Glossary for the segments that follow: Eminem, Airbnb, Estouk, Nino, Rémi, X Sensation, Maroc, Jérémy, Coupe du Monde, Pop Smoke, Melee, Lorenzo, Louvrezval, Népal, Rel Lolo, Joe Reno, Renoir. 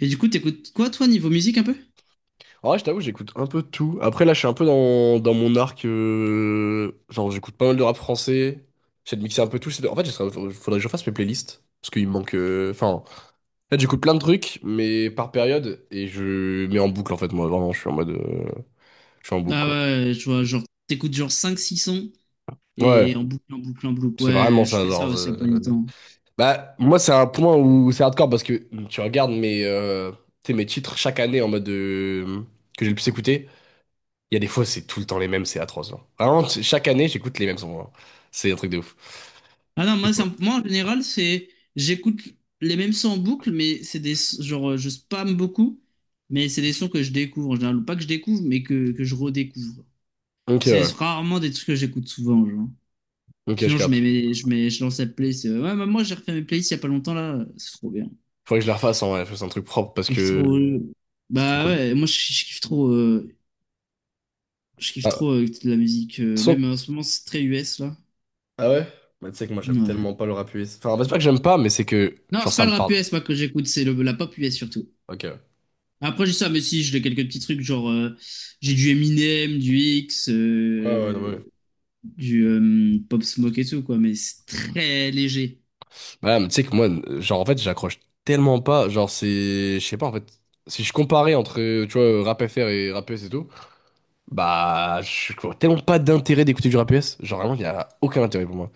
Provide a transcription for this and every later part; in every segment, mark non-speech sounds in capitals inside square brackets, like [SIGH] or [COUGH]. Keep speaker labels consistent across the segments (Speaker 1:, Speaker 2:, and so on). Speaker 1: Et du coup, t'écoutes quoi, toi, niveau musique un peu?
Speaker 2: En vrai, je t'avoue, j'écoute un peu de tout. Après, là, je suis un peu dans mon arc. Genre, j'écoute pas mal de rap français. J'essaie de mixer un peu tout. En fait, faudrait que je fasse mes playlists. Parce qu'il me manque. Enfin, en fait, j'écoute plein de trucs, mais par période. Et je mets en boucle, en fait, moi. Vraiment, je suis en mode. Je suis en boucle,
Speaker 1: Ah
Speaker 2: quoi.
Speaker 1: ouais, je vois, genre, t'écoutes genre cinq six sons
Speaker 2: Ouais,
Speaker 1: et en boucle, en boucle, en boucle.
Speaker 2: c'est
Speaker 1: Ouais,
Speaker 2: vraiment
Speaker 1: je
Speaker 2: ça,
Speaker 1: fais ça
Speaker 2: genre.
Speaker 1: aussi à pas du temps.
Speaker 2: Bah, moi, c'est un point où c'est hardcore parce que tu regardes tu sais, mes titres chaque année en mode. Que j'ai le plus écouté. Il y a des fois, c'est tout le temps les mêmes, c'est atroce, genre. Vraiment, chaque année, j'écoute les mêmes sons, genre. C'est un truc de ouf.
Speaker 1: Ah non,
Speaker 2: Je
Speaker 1: moi,
Speaker 2: sais pas.
Speaker 1: moi en général, c'est j'écoute les mêmes sons en boucle, mais c'est des genre je spam beaucoup, mais c'est des sons que je découvre en général, ou pas que je découvre, mais que je redécouvre.
Speaker 2: Ok,
Speaker 1: C'est
Speaker 2: ouais.
Speaker 1: rarement des trucs que j'écoute souvent, genre.
Speaker 2: Ok, je
Speaker 1: Sinon, je mets,
Speaker 2: capte.
Speaker 1: mes- je mets, je lance la playlist. Ouais, bah, moi, j'ai refait mes playlists il y a pas longtemps là, c'est trop bien.
Speaker 2: Faudrait que je les refasse en vrai, fasse un truc propre parce
Speaker 1: Je kiffe
Speaker 2: que
Speaker 1: trop.
Speaker 2: c'est trop
Speaker 1: Bah
Speaker 2: cool.
Speaker 1: ouais, moi, je kiffe trop,
Speaker 2: Ah,
Speaker 1: de la musique. Même
Speaker 2: so-
Speaker 1: en ce moment, c'est très US là.
Speaker 2: Ah ouais? Bah, tu sais que moi, j'aime
Speaker 1: Ouais.
Speaker 2: tellement pas le rap US. Enfin, c'est pas que j'aime pas, mais c'est que,
Speaker 1: Non,
Speaker 2: genre,
Speaker 1: c'est pas
Speaker 2: ça me
Speaker 1: le rap
Speaker 2: parle.
Speaker 1: US, moi, que j'écoute, c'est la pop US surtout.
Speaker 2: Ok. Ouais,
Speaker 1: Après, j'ai ça, mais si, j'ai quelques petits trucs, genre, j'ai du Eminem, du X,
Speaker 2: ouais, non, mais
Speaker 1: euh,
Speaker 2: ouais.
Speaker 1: du euh, Pop Smoke et tout, quoi, mais c'est très léger.
Speaker 2: Bah, mais tu sais que moi, genre, en fait, j'accroche tellement pas. Genre, c'est. Je sais pas, en fait. Si je comparais entre, tu vois, rap FR et rap US et tout, bah, je vois tellement pas d'intérêt d'écouter du rap US. Genre, vraiment, il y a aucun intérêt pour moi.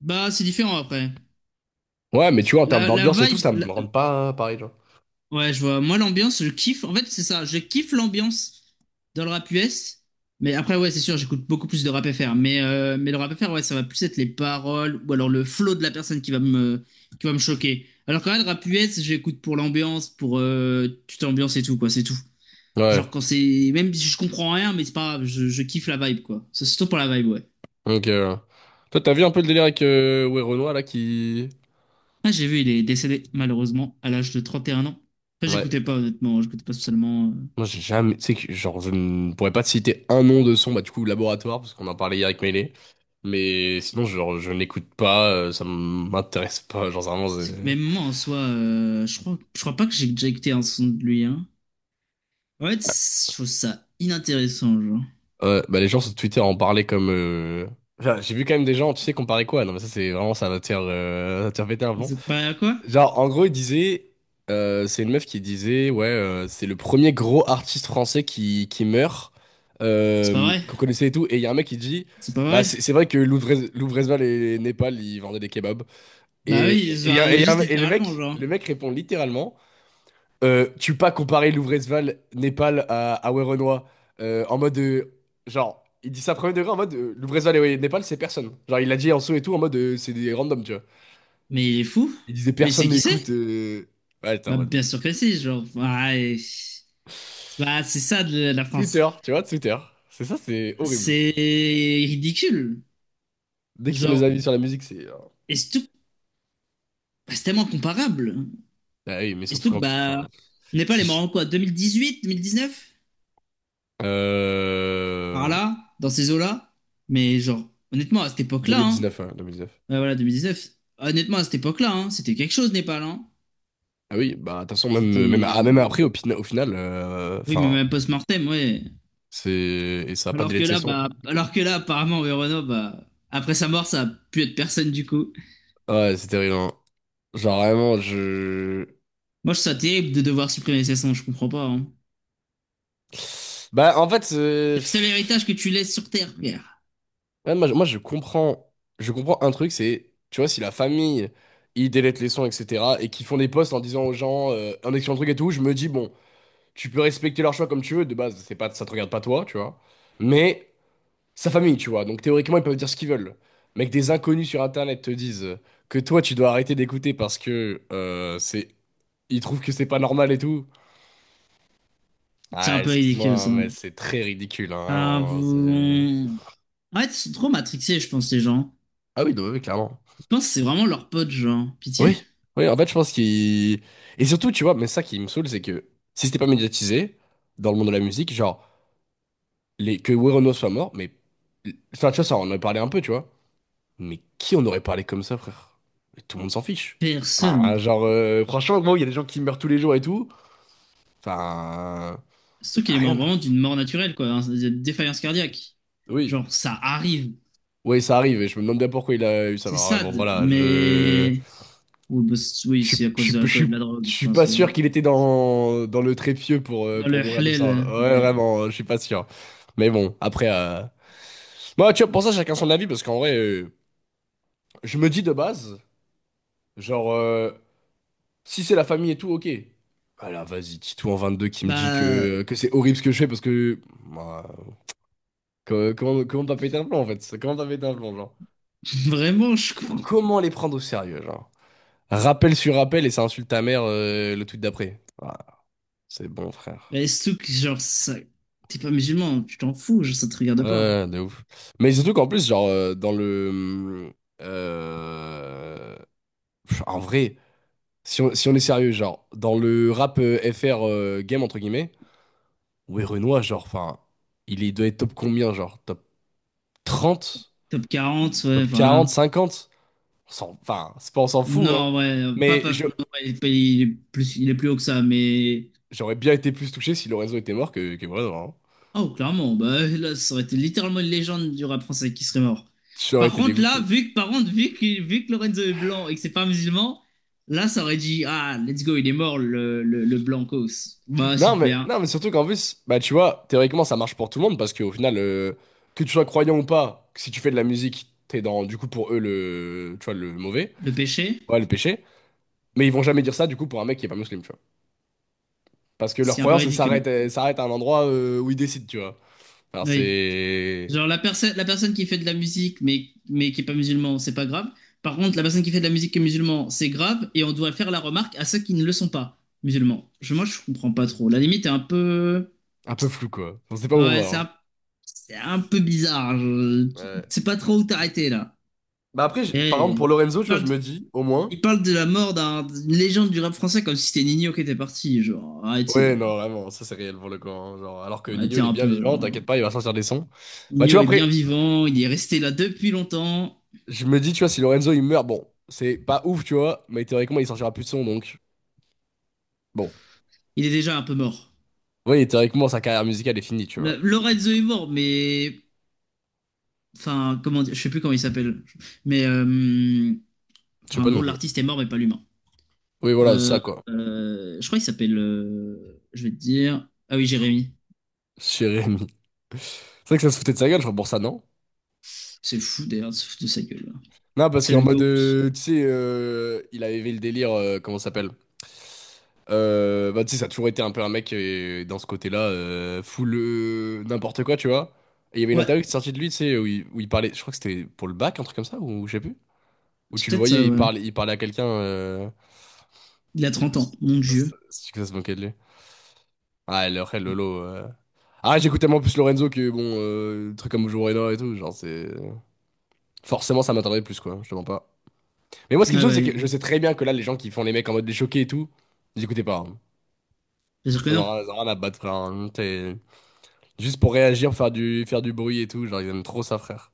Speaker 1: Bah, c'est différent après.
Speaker 2: Ouais, mais tu vois, en termes
Speaker 1: La, la
Speaker 2: d'ambiance et tout,
Speaker 1: vibe,
Speaker 2: ça
Speaker 1: la-
Speaker 2: me rend pas pareil, genre.
Speaker 1: ouais, je vois. Moi, l'ambiance, je kiffe. En fait, c'est ça, je kiffe l'ambiance dans le rap US, mais après, ouais, c'est sûr, j'écoute beaucoup plus de rap FR, mais le rap FR, ouais, ça va plus être les paroles ou alors le flow de la personne qui va me choquer. Alors, quand même, le rap US, j'écoute pour l'ambiance, pour tu t'ambiances et tout, quoi, c'est tout.
Speaker 2: Ouais,
Speaker 1: Genre quand c'est. Même si je comprends rien, mais c'est pas grave, je kiffe la vibe, quoi. C'est surtout pour la vibe, ouais.
Speaker 2: donc, toi, t'as vu un peu le délire avec ouais, Renoir, là, qui...
Speaker 1: Ah, j'ai vu, il est décédé, malheureusement, à l'âge de 31 ans. Enfin,
Speaker 2: Ouais.
Speaker 1: j'écoutais pas, honnêtement, hein, j'écoutais pas spécialement.
Speaker 2: Moi, j'ai jamais... Tu sais que, genre, je ne pourrais pas te citer un nom de son, bah, du coup, Laboratoire, parce qu'on en parlait hier avec Melee. Mais sinon, genre, je n'écoute pas, ça m'intéresse pas, genre, vraiment,
Speaker 1: C'est que même moi, en soi, je crois pas que j'ai déjà écouté un son de lui, hein. En fait, je trouve ça inintéressant, genre.
Speaker 2: ouais, bah, les gens sur Twitter en parlaient comme enfin, j'ai vu quand même des gens, tu sais, comparer quoi? Non, mais ça, c'est vraiment, ça va te faire péter un plomb.
Speaker 1: Ils ont pas quoi?
Speaker 2: Genre, en gros, c'est une meuf qui disait, ouais, c'est le premier gros artiste français qui meurt,
Speaker 1: C'est pas vrai.
Speaker 2: qu'on connaissait et tout. Et il y a un mec qui dit,
Speaker 1: C'est pas
Speaker 2: bah,
Speaker 1: vrai.
Speaker 2: c'est vrai que Louvrezval et Népal, ils vendaient des kebabs.
Speaker 1: Bah oui,
Speaker 2: Il y
Speaker 1: genre,
Speaker 2: a- et il y a
Speaker 1: juste
Speaker 2: un- et le
Speaker 1: littéralement,
Speaker 2: mec,
Speaker 1: genre.
Speaker 2: le mec répond littéralement, tu peux pas comparer Louvrezval, Népal à Werenoi, en mode, genre, il dit ça premier degré en mode, Louvrezval et ouais, Népal, c'est personne. Genre, il l'a dit en dessous et tout, en mode, c'est des randoms, tu vois.
Speaker 1: Mais il est fou.
Speaker 2: Il disait,
Speaker 1: Mais
Speaker 2: personne
Speaker 1: c'est qui c'est?
Speaker 2: n'écoute. Ouais, t'es en
Speaker 1: Bah
Speaker 2: mode.
Speaker 1: bien sûr que si, genre. Ouais. C'est ça de la France.
Speaker 2: Twitter, tu vois, Twitter. C'est ça, c'est horrible.
Speaker 1: C'est ridicule.
Speaker 2: Dès qu'ils ont les
Speaker 1: Genre,
Speaker 2: avis sur la musique, c'est.
Speaker 1: Estouk, bah, c'est tellement comparable.
Speaker 2: Ah oui, mais surtout
Speaker 1: Estouk,
Speaker 2: quand. Enfin,
Speaker 1: bah, on n'est pas
Speaker 2: si
Speaker 1: les
Speaker 2: je-
Speaker 1: morts en quoi, 2018, 2019 par
Speaker 2: Euh...
Speaker 1: là, dans ces eaux-là. Mais genre,
Speaker 2: 2019, hein, 2019.
Speaker 1: ouais, voilà, neuf honnêtement, à cette époque-là, hein, c'était quelque chose, Népal, hein.
Speaker 2: Ah oui, bah, de toute façon, même,
Speaker 1: C'était.
Speaker 2: même après, au final,
Speaker 1: Oui, mais
Speaker 2: enfin,
Speaker 1: même post-mortem, ouais.
Speaker 2: c'est. Et ça a pas de
Speaker 1: Alors
Speaker 2: délai
Speaker 1: que
Speaker 2: de
Speaker 1: là,
Speaker 2: session.
Speaker 1: apparemment, Renault, bah, après sa mort, ça a pu être personne du coup.
Speaker 2: Ouais, c'est terrible, hein. Genre, vraiment, je.
Speaker 1: Moi, je trouve ça terrible de devoir supprimer ses sons, je comprends pas, hein.
Speaker 2: Bah, en fait,
Speaker 1: C'est le seul héritage que tu laisses sur Terre, frère.
Speaker 2: ouais, moi, je comprends. Je comprends un truc, c'est. Tu vois, si la famille, ils délaient les sons, etc., et qu'ils font des posts en disant aux gens, en expliquant le truc et tout, je me dis, bon. Tu peux respecter leur choix comme tu veux, de base, c'est pas, ça te regarde pas toi, tu vois. Mais sa famille, tu vois. Donc théoriquement, ils peuvent dire ce qu'ils veulent. Mais que des inconnus sur Internet te disent que toi, tu dois arrêter d'écouter parce que c'est, ils trouvent que c'est pas normal et tout.
Speaker 1: C'est
Speaker 2: Ah,
Speaker 1: un peu ridicule,
Speaker 2: excuse-moi,
Speaker 1: ça.
Speaker 2: mais c'est très ridicule, hein,
Speaker 1: Enfin,
Speaker 2: vraiment.
Speaker 1: vous... ouais fait, ils sont trop matrixés, je pense, les gens.
Speaker 2: Ah oui, non, oui, clairement.
Speaker 1: Je pense que c'est vraiment leur pote, genre. Pitié.
Speaker 2: Oui, oui, en fait, je pense qu'il... Et surtout, tu vois, mais ça qui me saoule, c'est que si c'était pas médiatisé dans le monde de la musique, genre, les... que Werenoi soit mort, mais... Enfin, tu vois, ça, on en a parlé un peu, tu vois. Mais qui en aurait parlé comme ça, frère? Mais tout le monde s'en fiche. Enfin,
Speaker 1: Personne.
Speaker 2: genre, franchement, gros, il y a des gens qui meurent tous les jours et tout. Enfin,
Speaker 1: Surtout qu'il est mort
Speaker 2: rien à-
Speaker 1: vraiment d'une mort naturelle, quoi, hein, de défaillance cardiaque.
Speaker 2: oui.
Speaker 1: Genre, ça arrive.
Speaker 2: Oui, ça arrive, et je me demande bien pourquoi il a eu ça.
Speaker 1: C'est
Speaker 2: Alors, bon,
Speaker 1: sad,
Speaker 2: voilà, je...
Speaker 1: mais... Oui, bah, oui,
Speaker 2: Je
Speaker 1: c'est
Speaker 2: suis,
Speaker 1: à
Speaker 2: je
Speaker 1: cause
Speaker 2: suis,
Speaker 1: de
Speaker 2: je
Speaker 1: l'alcool et de
Speaker 2: suis,
Speaker 1: la drogue,
Speaker 2: je
Speaker 1: je
Speaker 2: suis pas
Speaker 1: pense. Ouais.
Speaker 2: sûr qu'il était dans, dans le trépied pour,
Speaker 1: Dans le
Speaker 2: mourir de ça.
Speaker 1: halal,
Speaker 2: Ouais,
Speaker 1: ouais.
Speaker 2: vraiment, je suis pas sûr. Mais bon, après. Moi, tu vois, pour ça, chacun son avis, parce qu'en vrai, je me dis de base, genre, si c'est la famille et tout, ok. Voilà, vas-y, Titou en 22 qui me dit
Speaker 1: Bah,
Speaker 2: que c'est horrible ce que je fais parce que. Bah, comment t'as pété un plomb en fait? Ça Comment t'as pété un plomb, genre?
Speaker 1: [LAUGHS] vraiment, je
Speaker 2: Surtout,
Speaker 1: comprends.
Speaker 2: comment les prendre au sérieux, genre? Rappel sur rappel et ça insulte ta mère le tweet d'après. Ah, c'est bon, frère.
Speaker 1: Mais surtout que, genre, ça... t'es pas musulman, tu t'en fous, genre, ça te regarde pas.
Speaker 2: Ouais, de ouf. Mais surtout qu'en plus, genre, dans le. euh, En vrai, si on est sérieux, genre, dans le rap FR game, entre guillemets. Ouais, Renoir, genre, enfin, doit être top combien, genre? Top 30,
Speaker 1: Top 40 ouais,
Speaker 2: top 40,
Speaker 1: voilà.
Speaker 2: 50. On s'en- Enfin, c'est pas on s'en fout, hein.
Speaker 1: Non, ouais, pas,
Speaker 2: Mais
Speaker 1: pas, non,
Speaker 2: je-
Speaker 1: ouais, il est pas- il est plus haut que ça, mais.
Speaker 2: j'aurais bien été plus touché si Lorenzo était mort que Renoir, hein.
Speaker 1: Oh, clairement, bah là, ça aurait été littéralement une légende du rap français qui serait mort.
Speaker 2: J'aurais
Speaker 1: Par
Speaker 2: été
Speaker 1: contre, là,
Speaker 2: dégoûté.
Speaker 1: vu que Lorenzo est blanc et que c'est pas musulman, là, ça aurait dit, ah, let's go, il est mort, le blancos. Bah,
Speaker 2: Non, mais,
Speaker 1: super.
Speaker 2: non, mais surtout qu'en plus, bah, tu vois, théoriquement, ça marche pour tout le monde parce qu'au final, que tu sois croyant ou pas, si tu fais de la musique, t'es dans, du coup, pour eux, le, tu vois, le mauvais,
Speaker 1: Le péché,
Speaker 2: ouais, le péché. Mais ils vont jamais dire ça, du coup, pour un mec qui est pas musulman, tu vois. Parce que
Speaker 1: ce
Speaker 2: leur
Speaker 1: qui est un peu
Speaker 2: croyance, elle
Speaker 1: ridicule.
Speaker 2: s'arrête, elle s'arrête à un endroit où ils décident, tu vois. Alors
Speaker 1: Oui.
Speaker 2: c'est
Speaker 1: Genre la personne qui fait de la musique mais qui est pas musulman, c'est pas grave. Par contre, la personne qui fait de la musique qui est musulman, c'est grave et on doit faire la remarque à ceux qui ne le sont pas musulmans. Moi, je comprends pas trop. La limite est un peu,
Speaker 2: un peu flou quoi. On sait pas où on
Speaker 1: ouais,
Speaker 2: va, hein.
Speaker 1: c'est un peu bizarre. Je
Speaker 2: Ouais.
Speaker 1: sais pas trop où t'arrêter là.
Speaker 2: Bah après, par exemple,
Speaker 1: Et,
Speaker 2: pour Lorenzo,
Speaker 1: il
Speaker 2: tu vois,
Speaker 1: parle,
Speaker 2: je
Speaker 1: de-
Speaker 2: me dis, au moins,
Speaker 1: il parle de la mort d'une légende du rap français comme si c'était Nino qui était parti. Genre,
Speaker 2: ouais,
Speaker 1: arrêtez,
Speaker 2: non, vraiment, ça c'est réel pour le coup, hein. Genre, alors que Nino
Speaker 1: arrêtez
Speaker 2: il est
Speaker 1: un
Speaker 2: bien
Speaker 1: peu,
Speaker 2: vivant, t'inquiète
Speaker 1: genre.
Speaker 2: pas, il va sortir des sons. Bah tu
Speaker 1: Nino
Speaker 2: vois,
Speaker 1: est bien
Speaker 2: après,
Speaker 1: vivant, il est resté là depuis longtemps.
Speaker 2: je me dis, tu vois, si Lorenzo il meurt, bon, c'est pas ouf, tu vois, mais théoriquement il sortira plus de sons donc. Bon.
Speaker 1: Il est déjà un peu mort.
Speaker 2: Oui, théoriquement sa carrière musicale est finie, tu vois.
Speaker 1: Lorenzo est mort, mais enfin, comment dire, je sais plus comment il s'appelle, mais
Speaker 2: Je sais
Speaker 1: enfin, en
Speaker 2: pas non
Speaker 1: gros,
Speaker 2: plus.
Speaker 1: l'artiste est mort, mais pas l'humain.
Speaker 2: Oui, voilà, c'est ça
Speaker 1: Euh,
Speaker 2: quoi.
Speaker 1: je crois qu'il s'appelle, je vais te dire, ah oui, Jérémy.
Speaker 2: Chez Rémi. C'est vrai que ça se foutait de sa gueule, je crois, pour ça, non?
Speaker 1: C'est fou d'ailleurs de se foutre de sa gueule, là.
Speaker 2: Non, parce
Speaker 1: C'est
Speaker 2: qu'en
Speaker 1: le
Speaker 2: mode,
Speaker 1: GOAT.
Speaker 2: tu sais, il avait le délire, comment ça s'appelle? Bah, tu sais, ça a toujours été un peu un mec dans ce côté-là, full n'importe quoi, tu vois. Et il y avait une
Speaker 1: Ouais,
Speaker 2: interview qui est sortie de lui, tu sais, où il parlait, je crois que c'était pour le bac, un truc comme ça, ou je sais plus. Où
Speaker 1: c'est
Speaker 2: tu le
Speaker 1: peut-être
Speaker 2: voyais,
Speaker 1: ça.
Speaker 2: il
Speaker 1: Ouais.
Speaker 2: parlait, il parlait à quelqu'un.
Speaker 1: Il a
Speaker 2: Du coup,
Speaker 1: 30 ans, mon Dieu.
Speaker 2: ça se moquait de lui. Ah, le Rel Lolo. Ah, j'écoute tellement plus Lorenzo que, bon, le truc comme Joe Reno et tout, genre, c'est. Forcément, ça m'attendait plus, quoi, je te mens pas. Mais moi, ce qui me
Speaker 1: Ah bah,
Speaker 2: saoule, c'est que je
Speaker 1: bien
Speaker 2: sais très bien que là, les gens qui font les mecs en mode des choqués et tout, ils écoutaient pas, hein.
Speaker 1: sûr que
Speaker 2: Ils en
Speaker 1: non.
Speaker 2: ont rien ils en ont rien à battre, frère, hein. Juste pour réagir, faire du bruit et tout. Genre, ils aiment trop ça, frère.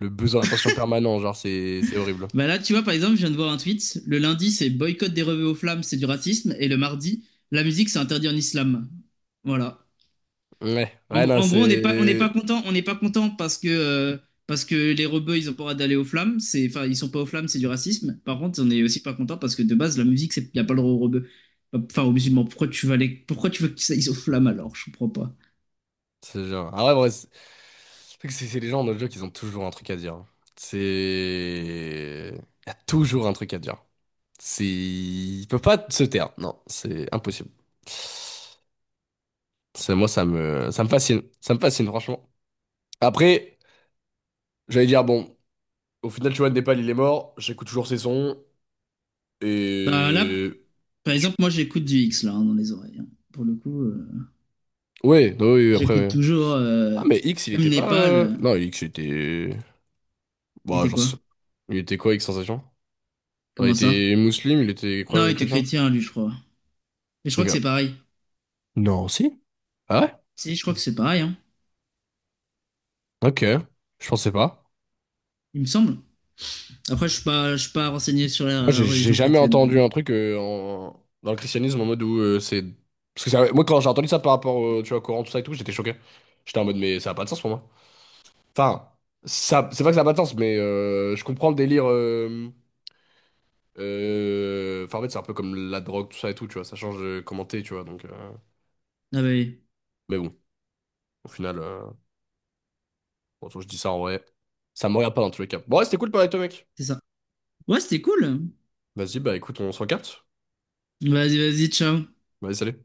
Speaker 2: Le besoin d'attention permanent, genre, c'est horrible.
Speaker 1: Bah là, tu vois, par exemple, je viens de voir un tweet. Le lundi, c'est boycott des revues aux flammes, c'est du racisme, et le mardi, la musique, c'est interdit en islam. Voilà.
Speaker 2: Ouais,
Speaker 1: En,
Speaker 2: ouais,
Speaker 1: gr-
Speaker 2: non,
Speaker 1: en gros,
Speaker 2: c'est.
Speaker 1: on n'est pas content parce que les rebeux, ils ont pas le droit d'aller aux flammes. C'est, enfin, ils sont pas aux flammes, c'est du racisme. Par contre, on est aussi pas content parce que de base, la musique, c'est, y a pas le droit aux rebeux. Enfin, aux musulmans. Pourquoi pourquoi tu veux qu'ils aillent aux flammes alors? Je comprends pas.
Speaker 2: C'est genre. Ah ouais, ouais, c'est c'est les gens dans le jeu qui ont toujours un truc à dire, hein. C'est. Il y a toujours un truc à dire. C'est. Ils peuvent pas se taire. Non, c'est impossible. C'est moi, ça me fascine. Ça me fascine, franchement. Après, j'allais dire, bon, au final, tu vois, Népal, il est mort, j'écoute toujours ses sons,
Speaker 1: Bah là,
Speaker 2: et...
Speaker 1: par
Speaker 2: tu-
Speaker 1: exemple, moi, j'écoute du X là, hein, dans les oreilles, hein. Pour le coup,
Speaker 2: Ouais, non, oui, oui, après,
Speaker 1: j'écoute
Speaker 2: ouais.
Speaker 1: toujours,
Speaker 2: Ah, mais X, il
Speaker 1: même
Speaker 2: était pas...
Speaker 1: Népal. euh,
Speaker 2: Non, X, il était...
Speaker 1: il
Speaker 2: Bon,
Speaker 1: était quoi?
Speaker 2: il était quoi, X Sensation? Non, il
Speaker 1: Comment ça?
Speaker 2: était musulman, il était
Speaker 1: Non,
Speaker 2: croyant,
Speaker 1: il était
Speaker 2: chrétien?
Speaker 1: chrétien lui, je crois. Et je crois que
Speaker 2: Ok.
Speaker 1: c'est pareil.
Speaker 2: Non, si? Ah ouais?
Speaker 1: Si, je crois que c'est pareil. Hein.
Speaker 2: Ok, je pensais pas.
Speaker 1: Il me semble. Après, je suis pas renseigné sur
Speaker 2: Moi,
Speaker 1: la
Speaker 2: j'ai
Speaker 1: religion
Speaker 2: jamais entendu
Speaker 1: chrétienne.
Speaker 2: un truc dans le christianisme en mode où c'est... Parce que moi, quand j'ai entendu ça par rapport tu vois, au Coran, tout ça et tout, j'étais choqué. J'étais en mode, mais ça a pas de sens pour moi. Enfin, ça, c'est pas que ça n'a pas de sens, mais je comprends le délire. Enfin, en fait, c'est un peu comme la drogue, tout ça et tout, tu vois. Ça change de comment t'es, tu vois.
Speaker 1: Ah bah oui,
Speaker 2: Mais bon, au final, bon, je dis ça en vrai. Ça me regarde pas dans tous les cas. Bon, ouais, c'était cool de parler avec toi, mec.
Speaker 1: c'est ça. Ouais, c'était cool.
Speaker 2: Vas-y, bah écoute, on se recapte.
Speaker 1: Vas-y, vas-y, ciao.
Speaker 2: Vas-y, salut.